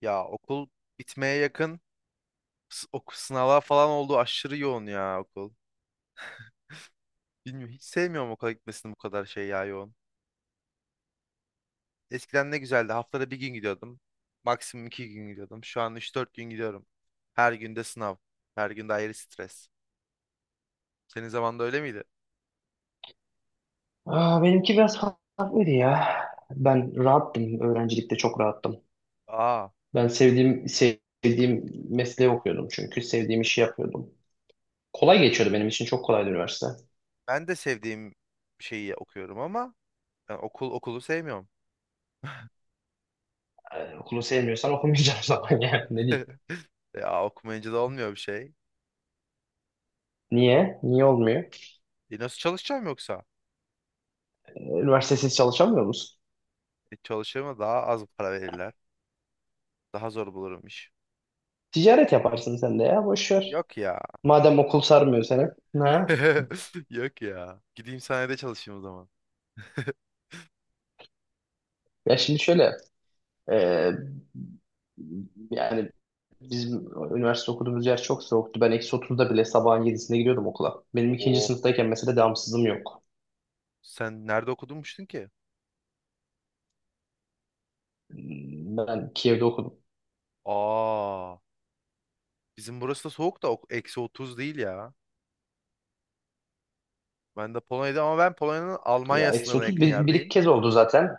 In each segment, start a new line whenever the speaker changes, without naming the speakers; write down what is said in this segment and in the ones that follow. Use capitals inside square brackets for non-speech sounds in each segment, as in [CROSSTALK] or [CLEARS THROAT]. Ya okul bitmeye yakın. Sınavlar falan oldu. Aşırı yoğun ya okul. Bilmiyorum, hiç sevmiyorum okula gitmesini, bu kadar şey ya, yoğun. Eskiden ne güzeldi. Haftada bir gün gidiyordum. Maksimum iki gün gidiyordum. Şu an üç dört gün gidiyorum. Her günde sınav. Her günde ayrı stres. Senin zamanında öyle miydi?
Aa, benimki biraz farklıydı ya. Ben rahattım. Öğrencilikte çok rahattım.
Aa,
Ben sevdiğim mesleği okuyordum çünkü sevdiğim işi yapıyordum. Kolay geçiyordu benim için çok kolaydı üniversite.
ben de sevdiğim şeyi okuyorum ama ben okulu sevmiyorum.
Okulu sevmiyorsan okumayacaksın [LAUGHS] zaman yani ne diyeyim.
[LAUGHS] Ya okumayınca da olmuyor bir şey.
Niye? Niye olmuyor?
E nasıl çalışacağım yoksa?
Üniversitesiz çalışamıyor musun?
Çalışırım da daha az para verirler. Daha zor bulurum iş.
Ticaret yaparsın sen de ya boş ver.
Yok ya.
Madem okul sarmıyor seni. Ha?
[LAUGHS] Yok ya. Gideyim sahnede çalışayım o zaman. [LAUGHS]
Ya şimdi şöyle e, yani bizim üniversite okuduğumuz yer çok soğuktu. Ben eksi 30'da bile sabahın yedisinde gidiyordum okula. Benim ikinci
Oo.
sınıftayken mesela devamsızım yok.
Sen nerede okudunmuştun ki?
Ben Kiev'de okudum.
Aa. Bizim burası da soğuk da eksi 30 değil ya. Ben de Polonya'da ama ben Polonya'nın
Ya
Almanya
eksi
sınırına
30
yakın
bir iki
yerdeyim.
kez oldu zaten.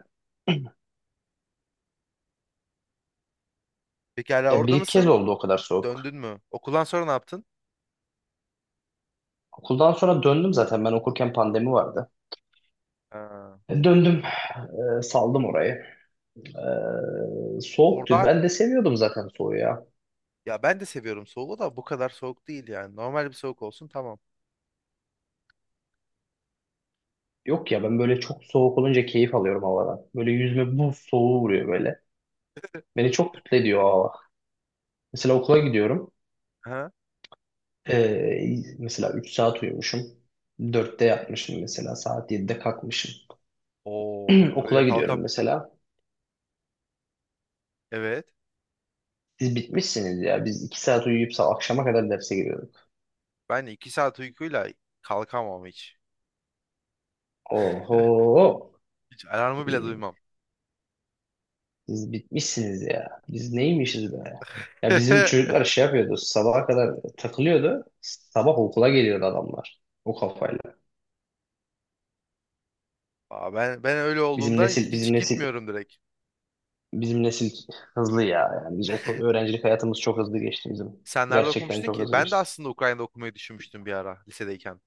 Peki hala
Ya bir
orada
iki kez
mısın?
oldu o kadar soğuk.
Döndün mü? Okuldan sonra ne yaptın?
Okuldan sonra döndüm zaten. Ben okurken pandemi vardı.
Ha.
Döndüm. Saldım orayı. Soğuktu.
Orada
Ben de seviyordum zaten soğuğu ya.
ya ben de seviyorum soğuğu da bu kadar soğuk değil yani. Normal bir soğuk olsun tamam.
Yok ya ben böyle çok soğuk olunca keyif alıyorum havadan. Böyle yüzüme buz soğuğu vuruyor böyle. Beni çok mutlu ediyor o hava. Mesela okula gidiyorum.
Ha?
Ee, mesela 3 saat uyumuşum. Dörtte yatmışım mesela. Saat 7'de kalkmışım.
Oo,
[CLEARS THROAT] Okula
öyle
gidiyorum
kalkıp
mesela.
evet.
Siz bitmişsiniz ya. Biz 2 saat uyuyup sabah akşama kadar derse giriyorduk.
Ben iki saat uykuyla kalkamam hiç. [LAUGHS]
Oho.
Hiç alarmı bile
Ee,
duymam.
siz bitmişsiniz ya. Biz neymişiz be? Ya bizim
[LAUGHS]
çocuklar şey yapıyordu. Sabaha kadar takılıyordu. Sabah okula geliyordu adamlar. O kafayla.
Aa, ben öyle
Bizim
olduğunda
nesil, bizim
hiç
nesil,
gitmiyorum direkt.
bizim nesil hızlı ya. Yani biz okul, öğrencilik hayatımız çok hızlı geçti bizim.
Sen nerede
Gerçekten
okumuştun
çok
ki?
hızlı
Ben de
geçti.
aslında Ukrayna'da okumayı düşünmüştüm bir ara lisedeyken.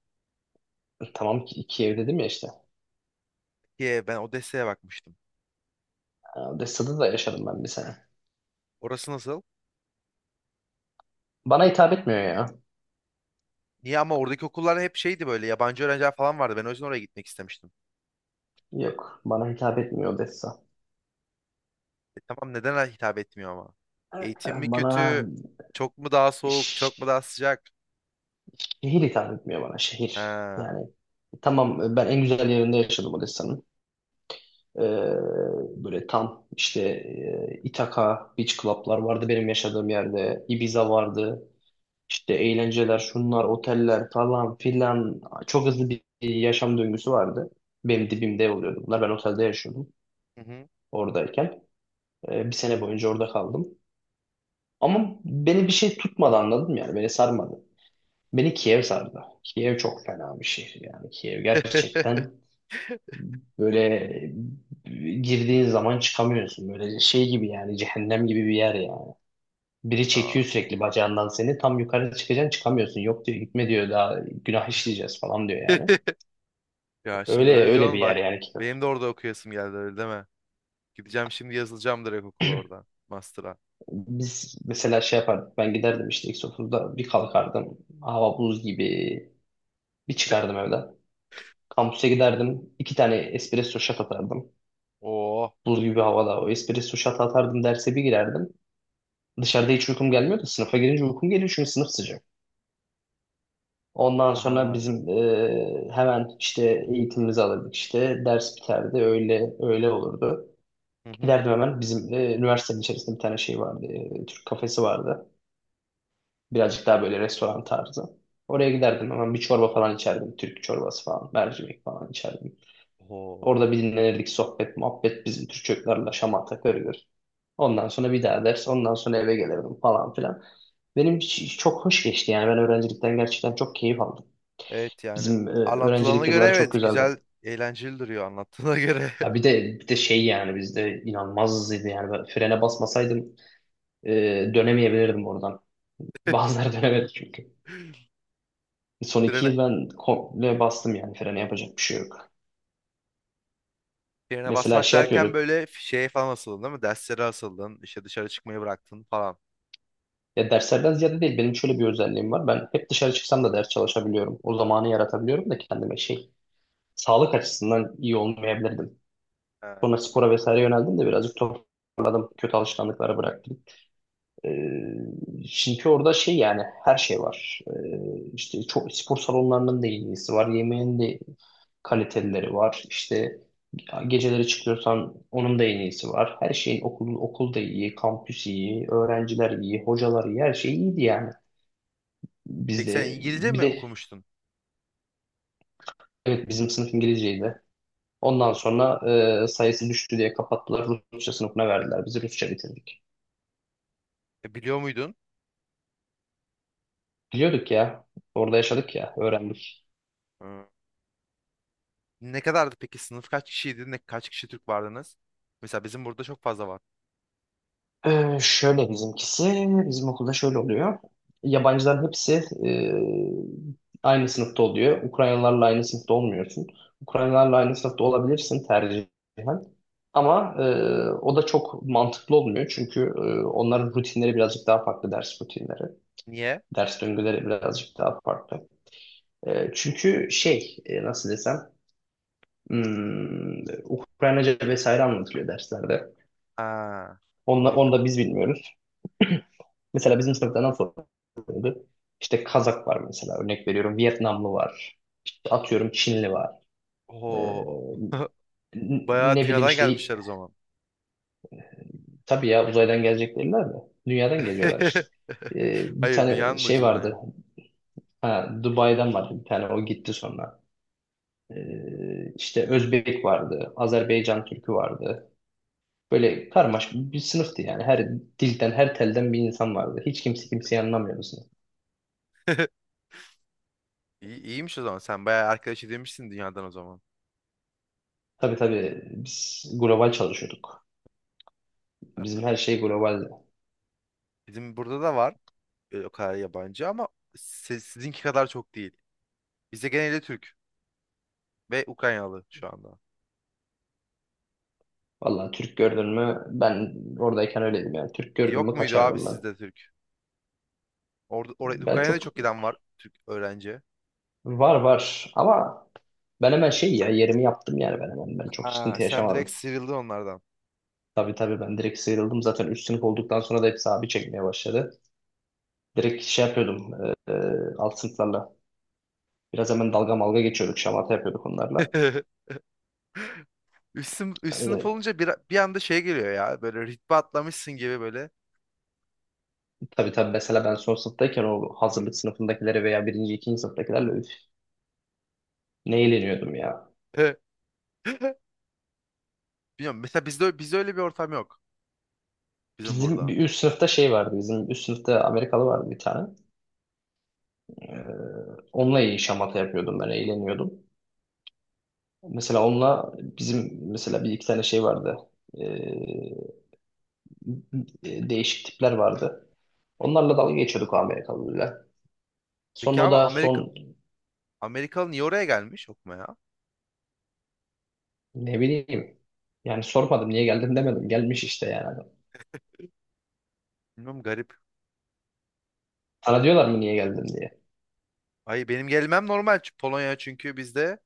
Tamam ki iki ev dedim ya işte.
Ki ben Odessa'ya bakmıştım.
Odessa'da da yaşadım ben bir sene.
Orası nasıl?
Bana hitap etmiyor ya.
Niye ama oradaki okullar hep şeydi böyle, yabancı öğrenciler falan vardı. Ben o yüzden oraya gitmek istemiştim.
Yok, bana hitap etmiyor Odessa.
E tamam, neden hitap etmiyor ama? Eğitim mi
Bana
kötü? Çok mu daha soğuk? Çok mu
ş-
daha sıcak?
şehir hitap etmiyor bana şehir.
Ha.
Yani tamam ben en güzel yerinde yaşadım Odessa'nın. Ee, böyle tam işte Ithaca Beach Club'lar vardı benim yaşadığım yerde. Ibiza vardı. İşte eğlenceler, şunlar, oteller falan filan. Çok hızlı bir yaşam döngüsü vardı. Benim dibimde oluyordu bunlar. Ben otelde yaşıyordum
Hı hı.
oradayken. Bir sene boyunca orada kaldım. Ama beni bir şey tutmadı anladın mı yani? Beni sarmadı. Beni Kiev sardı. Kiev çok fena bir şehir yani. Kiev gerçekten
[LAUGHS]
böyle e, girdiğin zaman çıkamıyorsun. Böyle şey gibi yani cehennem gibi bir yer yani. Biri çekiyor
Aa.
sürekli bacağından seni. Tam yukarı çıkacaksın çıkamıyorsun. Yok diyor gitme diyor daha günah işleyeceğiz falan diyor yani.
[LAUGHS] Ya şimdi
Öyle
öyle
öyle
diyorsun
bir yer
bak.
yani Kiev.
Benim de orada okuyasım geldi, öyle deme. Gideceğim şimdi, yazılacağım direkt okula orada. Master'a.
Biz mesela şey yapardık ben giderdim işte X30'da bir kalkardım. Hava buz gibi bir
[LAUGHS]
çıkardım evden. Kampüse giderdim. İki tane espresso shot atardım.
Oo.
Buz gibi havada o espresso shot atardım derse bir girerdim. Dışarıda hiç uykum gelmiyor da sınıfa girince uykum geliyor çünkü sınıf sıcak. Ondan sonra
Aha.
bizim hemen işte eğitimimizi alırdık işte ders biterdi öyle öyle olurdu.
Hı hı.
Giderdim hemen bizim üniversitenin içerisinde bir tane şey vardı. Türk kafesi vardı. Birazcık daha böyle restoran tarzı. Oraya giderdim hemen bir çorba falan içerdim. Türk çorbası falan mercimek falan içerdim.
Oho.
Orada bir dinlenirdik sohbet, muhabbet bizim Türk çocuklarla şamata körülür. Ondan sonra bir daha ders, ondan sonra eve gelirdim falan filan. Benim çok hoş geçti yani ben öğrencilikten gerçekten çok keyif aldım.
Evet yani
Bizim
anlatılana
öğrencilik
göre
yılları çok
evet,
güzeldi.
güzel eğlenceli duruyor anlattığına göre.
Ya bir de şey yani bizde inanılmaz hızlıydı yani ben frene basmasaydım e, dönemeyebilirdim oradan. Bazıları [LAUGHS] dönemedi çünkü. Son
[LAUGHS]
iki
Birine,
yıl ben komple bastım yani frene yapacak bir şey yok.
birine
Mesela
basmak
şey
derken
yapıyorduk.
böyle şeye falan asıldın değil mi? Derslere asıldın, işte dışarı çıkmayı bıraktın falan.
Ya derslerden ziyade değil benim şöyle bir özelliğim var. Ben hep dışarı çıksam da ders çalışabiliyorum. O zamanı yaratabiliyorum da kendime şey sağlık açısından iyi olmayabilirdim.
Ha.
Sonra spora vesaire yöneldim de birazcık toparladım. Kötü alışkanlıkları bıraktım. Çünkü orada şey yani her şey var. İşte çok spor salonlarının da iyisi var. Yemeğin de kalitelileri var. İşte geceleri çıkıyorsan onun da en iyisi var. Her şeyin okul, okul da iyi, kampüs iyi, öğrenciler iyi, hocalar iyi, her şey iyiydi yani.
Peki sen
Bizde
İngilizce
bir
mi
de
okumuştun?
evet, bizim sınıf İngilizceydi.
Hı.
Ondan sonra sayısı düştü diye kapattılar. Rusça sınıfına verdiler. Biz Rusça bitirdik.
E, biliyor muydun?
Biliyorduk ya. Orada yaşadık ya. Öğrendik.
Hı. Ne kadardı peki, sınıf kaç kişiydi? Kaç kişi Türk vardınız? Mesela bizim burada çok fazla var.
Şöyle bizimkisi. Bizim okulda şöyle oluyor. Yabancıların hepsi e, aynı sınıfta oluyor. Ukraynalılarla aynı sınıfta olmuyorsun. Ukraynalılarla aynı sınıfta olabilirsin tercihen. Ama o da çok mantıklı olmuyor. Çünkü onların rutinleri birazcık daha farklı ders rutinleri.
Niye?
Ders döngüleri birazcık daha farklı. Çünkü şey nasıl desem Ukraynaca vesaire anlatılıyor derslerde.
Ha. O
Onu
yüzden.
da biz bilmiyoruz. Mesela bizim sınıfta nasıl oluyordu? İşte Kazak var mesela örnek veriyorum. Vietnamlı var. İşte atıyorum Çinli var. E,
Oho. [LAUGHS]
n-
Bayağı
ne bileyim
dünyadan
işte
gelmişler o zaman.
tabii ya uzaydan gelecekler de dünyadan geliyorlar işte.
[LAUGHS]
E, bir
Hayır,
tane
dünyanın
şey
ucundan
vardı.
yani.
Ha, Dubai'den vardı bir tane o gitti sonra. İşte Özbek vardı, Azerbaycan Türkü vardı. Böyle karmaşık bir sınıftı yani. Her dilden, her telden bir insan vardı. Hiç kimse kimseyi anlamıyordu sınıf.
[LAUGHS] İyi, iyiymiş o zaman. Sen bayağı arkadaş edinmişsin dünyadan o zaman.
Tabii tabii biz global çalışıyorduk. Bizim her şey globaldi.
Bizim burada da var o kadar yabancı ama sizinki kadar çok değil. Bizde genelde Türk ve Ukraynalı şu anda.
Vallahi Türk gördün mü ben oradayken öyleydim yani. Türk
E,
gördün
yok
mü
muydu abi
kaçardım ben.
sizde Türk?
Ben
Ukrayna'da
çok
çok giden var Türk öğrenci.
var var ama ben hemen şey ya yerimi yaptım yani ben hemen. Ben çok
Aa,
sıkıntı
sen direkt
yaşamadım.
sıyrıldın onlardan.
Tabii tabii ben direkt sıyrıldım. Zaten üst sınıf olduktan sonra da hepsi abi çekmeye başladı. Direkt şey yapıyordum e, e, alt sınıflarla. Biraz hemen dalga malga geçiyorduk, şamata yapıyorduk onlarla.
[LAUGHS] Üst sınıf
E,
olunca bir anda şey geliyor ya. Böyle ritme atlamışsın gibi böyle.
tabii tabii mesela ben son sınıftayken o hazırlık sınıfındakileri veya birinci, ikinci sınıftakilerle üf, ne eğleniyordum ya.
[LAUGHS] Bilmiyorum. Mesela bizde öyle bir ortam yok. Bizim
Bizim
burada.
bir üst sınıfta şey vardı, bizim üst sınıfta Amerikalı vardı bir tane. E, onunla iyi şamata yapıyordum ben, eğleniyordum. Mesela onunla bizim mesela bir iki tane şey vardı. E, değişik tipler vardı. Onlarla dalga geçiyorduk o Amerikalılarla.
Peki
Sonra o
abi
da
Amerika,
son.
Amerikalı niye oraya gelmiş okumaya?
Ne bileyim. Yani sormadım niye geldim demedim. Gelmiş işte yani.
Bilmiyorum, garip.
Sana diyorlar mı niye geldin diye.
Ay benim gelmem normal çünkü Polonya, çünkü bizde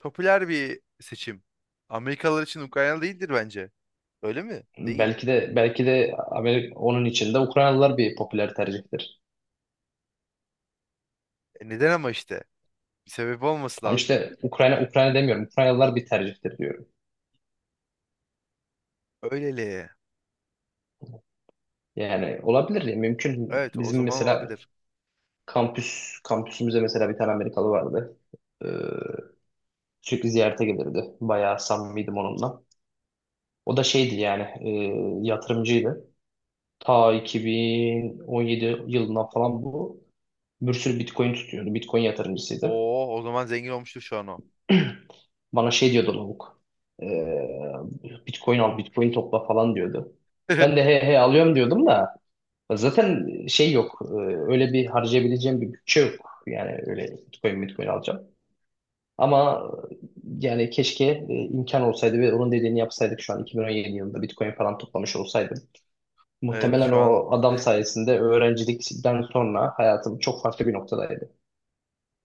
popüler bir seçim. Amerikalılar için Ukrayna değildir bence. Öyle mi? Değil.
Belki de belki de Amerika, onun içinde Ukraynalılar bir popüler tercihtir.
E neden ama işte? Bir sebep olması
Tam
lazım.
işte Ukrayna Ukrayna demiyorum. Ukraynalılar bir tercihtir diyorum.
Öyleli.
Yani olabilir ya mümkün.
Evet o
Bizim
zaman
mesela
olabilir.
kampüsümüzde mesela bir tane Amerikalı vardı. Ee, sürekli ziyarete gelirdi. Bayağı samimiydim onunla. O da şeydi yani yatırımcıydı. Ta 2017 yılından falan bu. Bir sürü Bitcoin tutuyordu. Bitcoin yatırımcısıydı.
Oo, o zaman zengin olmuştur şu an o.
Bana şey diyordu lavuk. Ee, Bitcoin al, Bitcoin topla falan diyordu. Ben de
[LAUGHS]
he he alıyorum diyordum da zaten şey yok. Öyle bir harcayabileceğim bir bütçe yok. Yani öyle Bitcoin, Bitcoin alacağım. Ama yani keşke imkan olsaydı ve onun dediğini yapsaydık şu an 2017 yılında Bitcoin falan toplamış olsaydım.
Evet
Muhtemelen
şu an
o adam sayesinde öğrencilikten sonra hayatım çok farklı bir noktadaydı.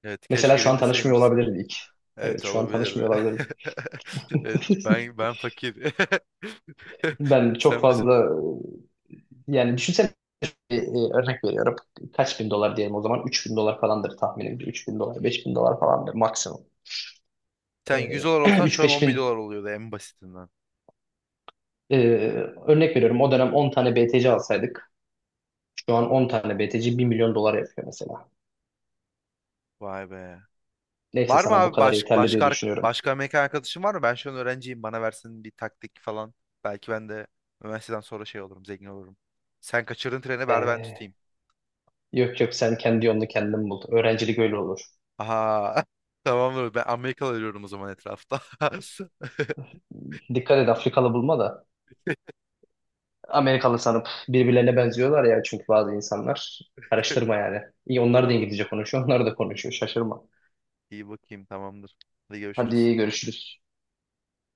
evet,
Mesela
keşke
şu an tanışmıyor
dinleseymişsin.
olabilirdik. Evet,
Evet
şu an
olabilirdi.
tanışmıyor olabiliriz.
[LAUGHS] Evet
[LAUGHS]
ben fakir.
Ben
[LAUGHS]
çok
Sen bizi
fazla yani düşünsene örnek veriyorum. Kaç bin dolar diyelim o zaman? 3 bin dolar falandır tahminimce. 3 bin dolar, 5 bin dolar falandır maksimum.
sen yüz dolar
[CLEARS THROAT]
olsan şu an
3-5
$10.000
bin
oluyordu en basitinden.
e, örnek veriyorum. O dönem 10 tane BTC alsaydık. Şu an 10 tane BTC 1 milyon dolar yapıyor mesela.
Vay be.
Neyse
Var mı
sana bu
abi
kadar
baş,
yeterli diye
başka ar-
düşünüyorum.
başka mekan arkadaşın var mı? Ben şu an öğrenciyim. Bana versin bir taktik falan. Belki ben de üniversiteden sonra şey olurum, zengin olurum. Sen kaçırın treni, ver ben
Ee,
tutayım.
yok yok sen kendi yolunu kendin bul. Öğrencilik öyle olur.
Aha. [LAUGHS] Tamamdır. Ben Amerikalı arıyorum o zaman etrafta. [LAUGHS]
Dikkat et Afrikalı bulma da. Amerikalı sanıp birbirlerine benziyorlar ya çünkü bazı insanlar. Karıştırma yani. İyi onlar da
Tamam.
İngilizce konuşuyor, onlar da konuşuyor. Şaşırma.
İyi bakayım. Tamamdır. Hadi görüşürüz.
Hadi görüşürüz.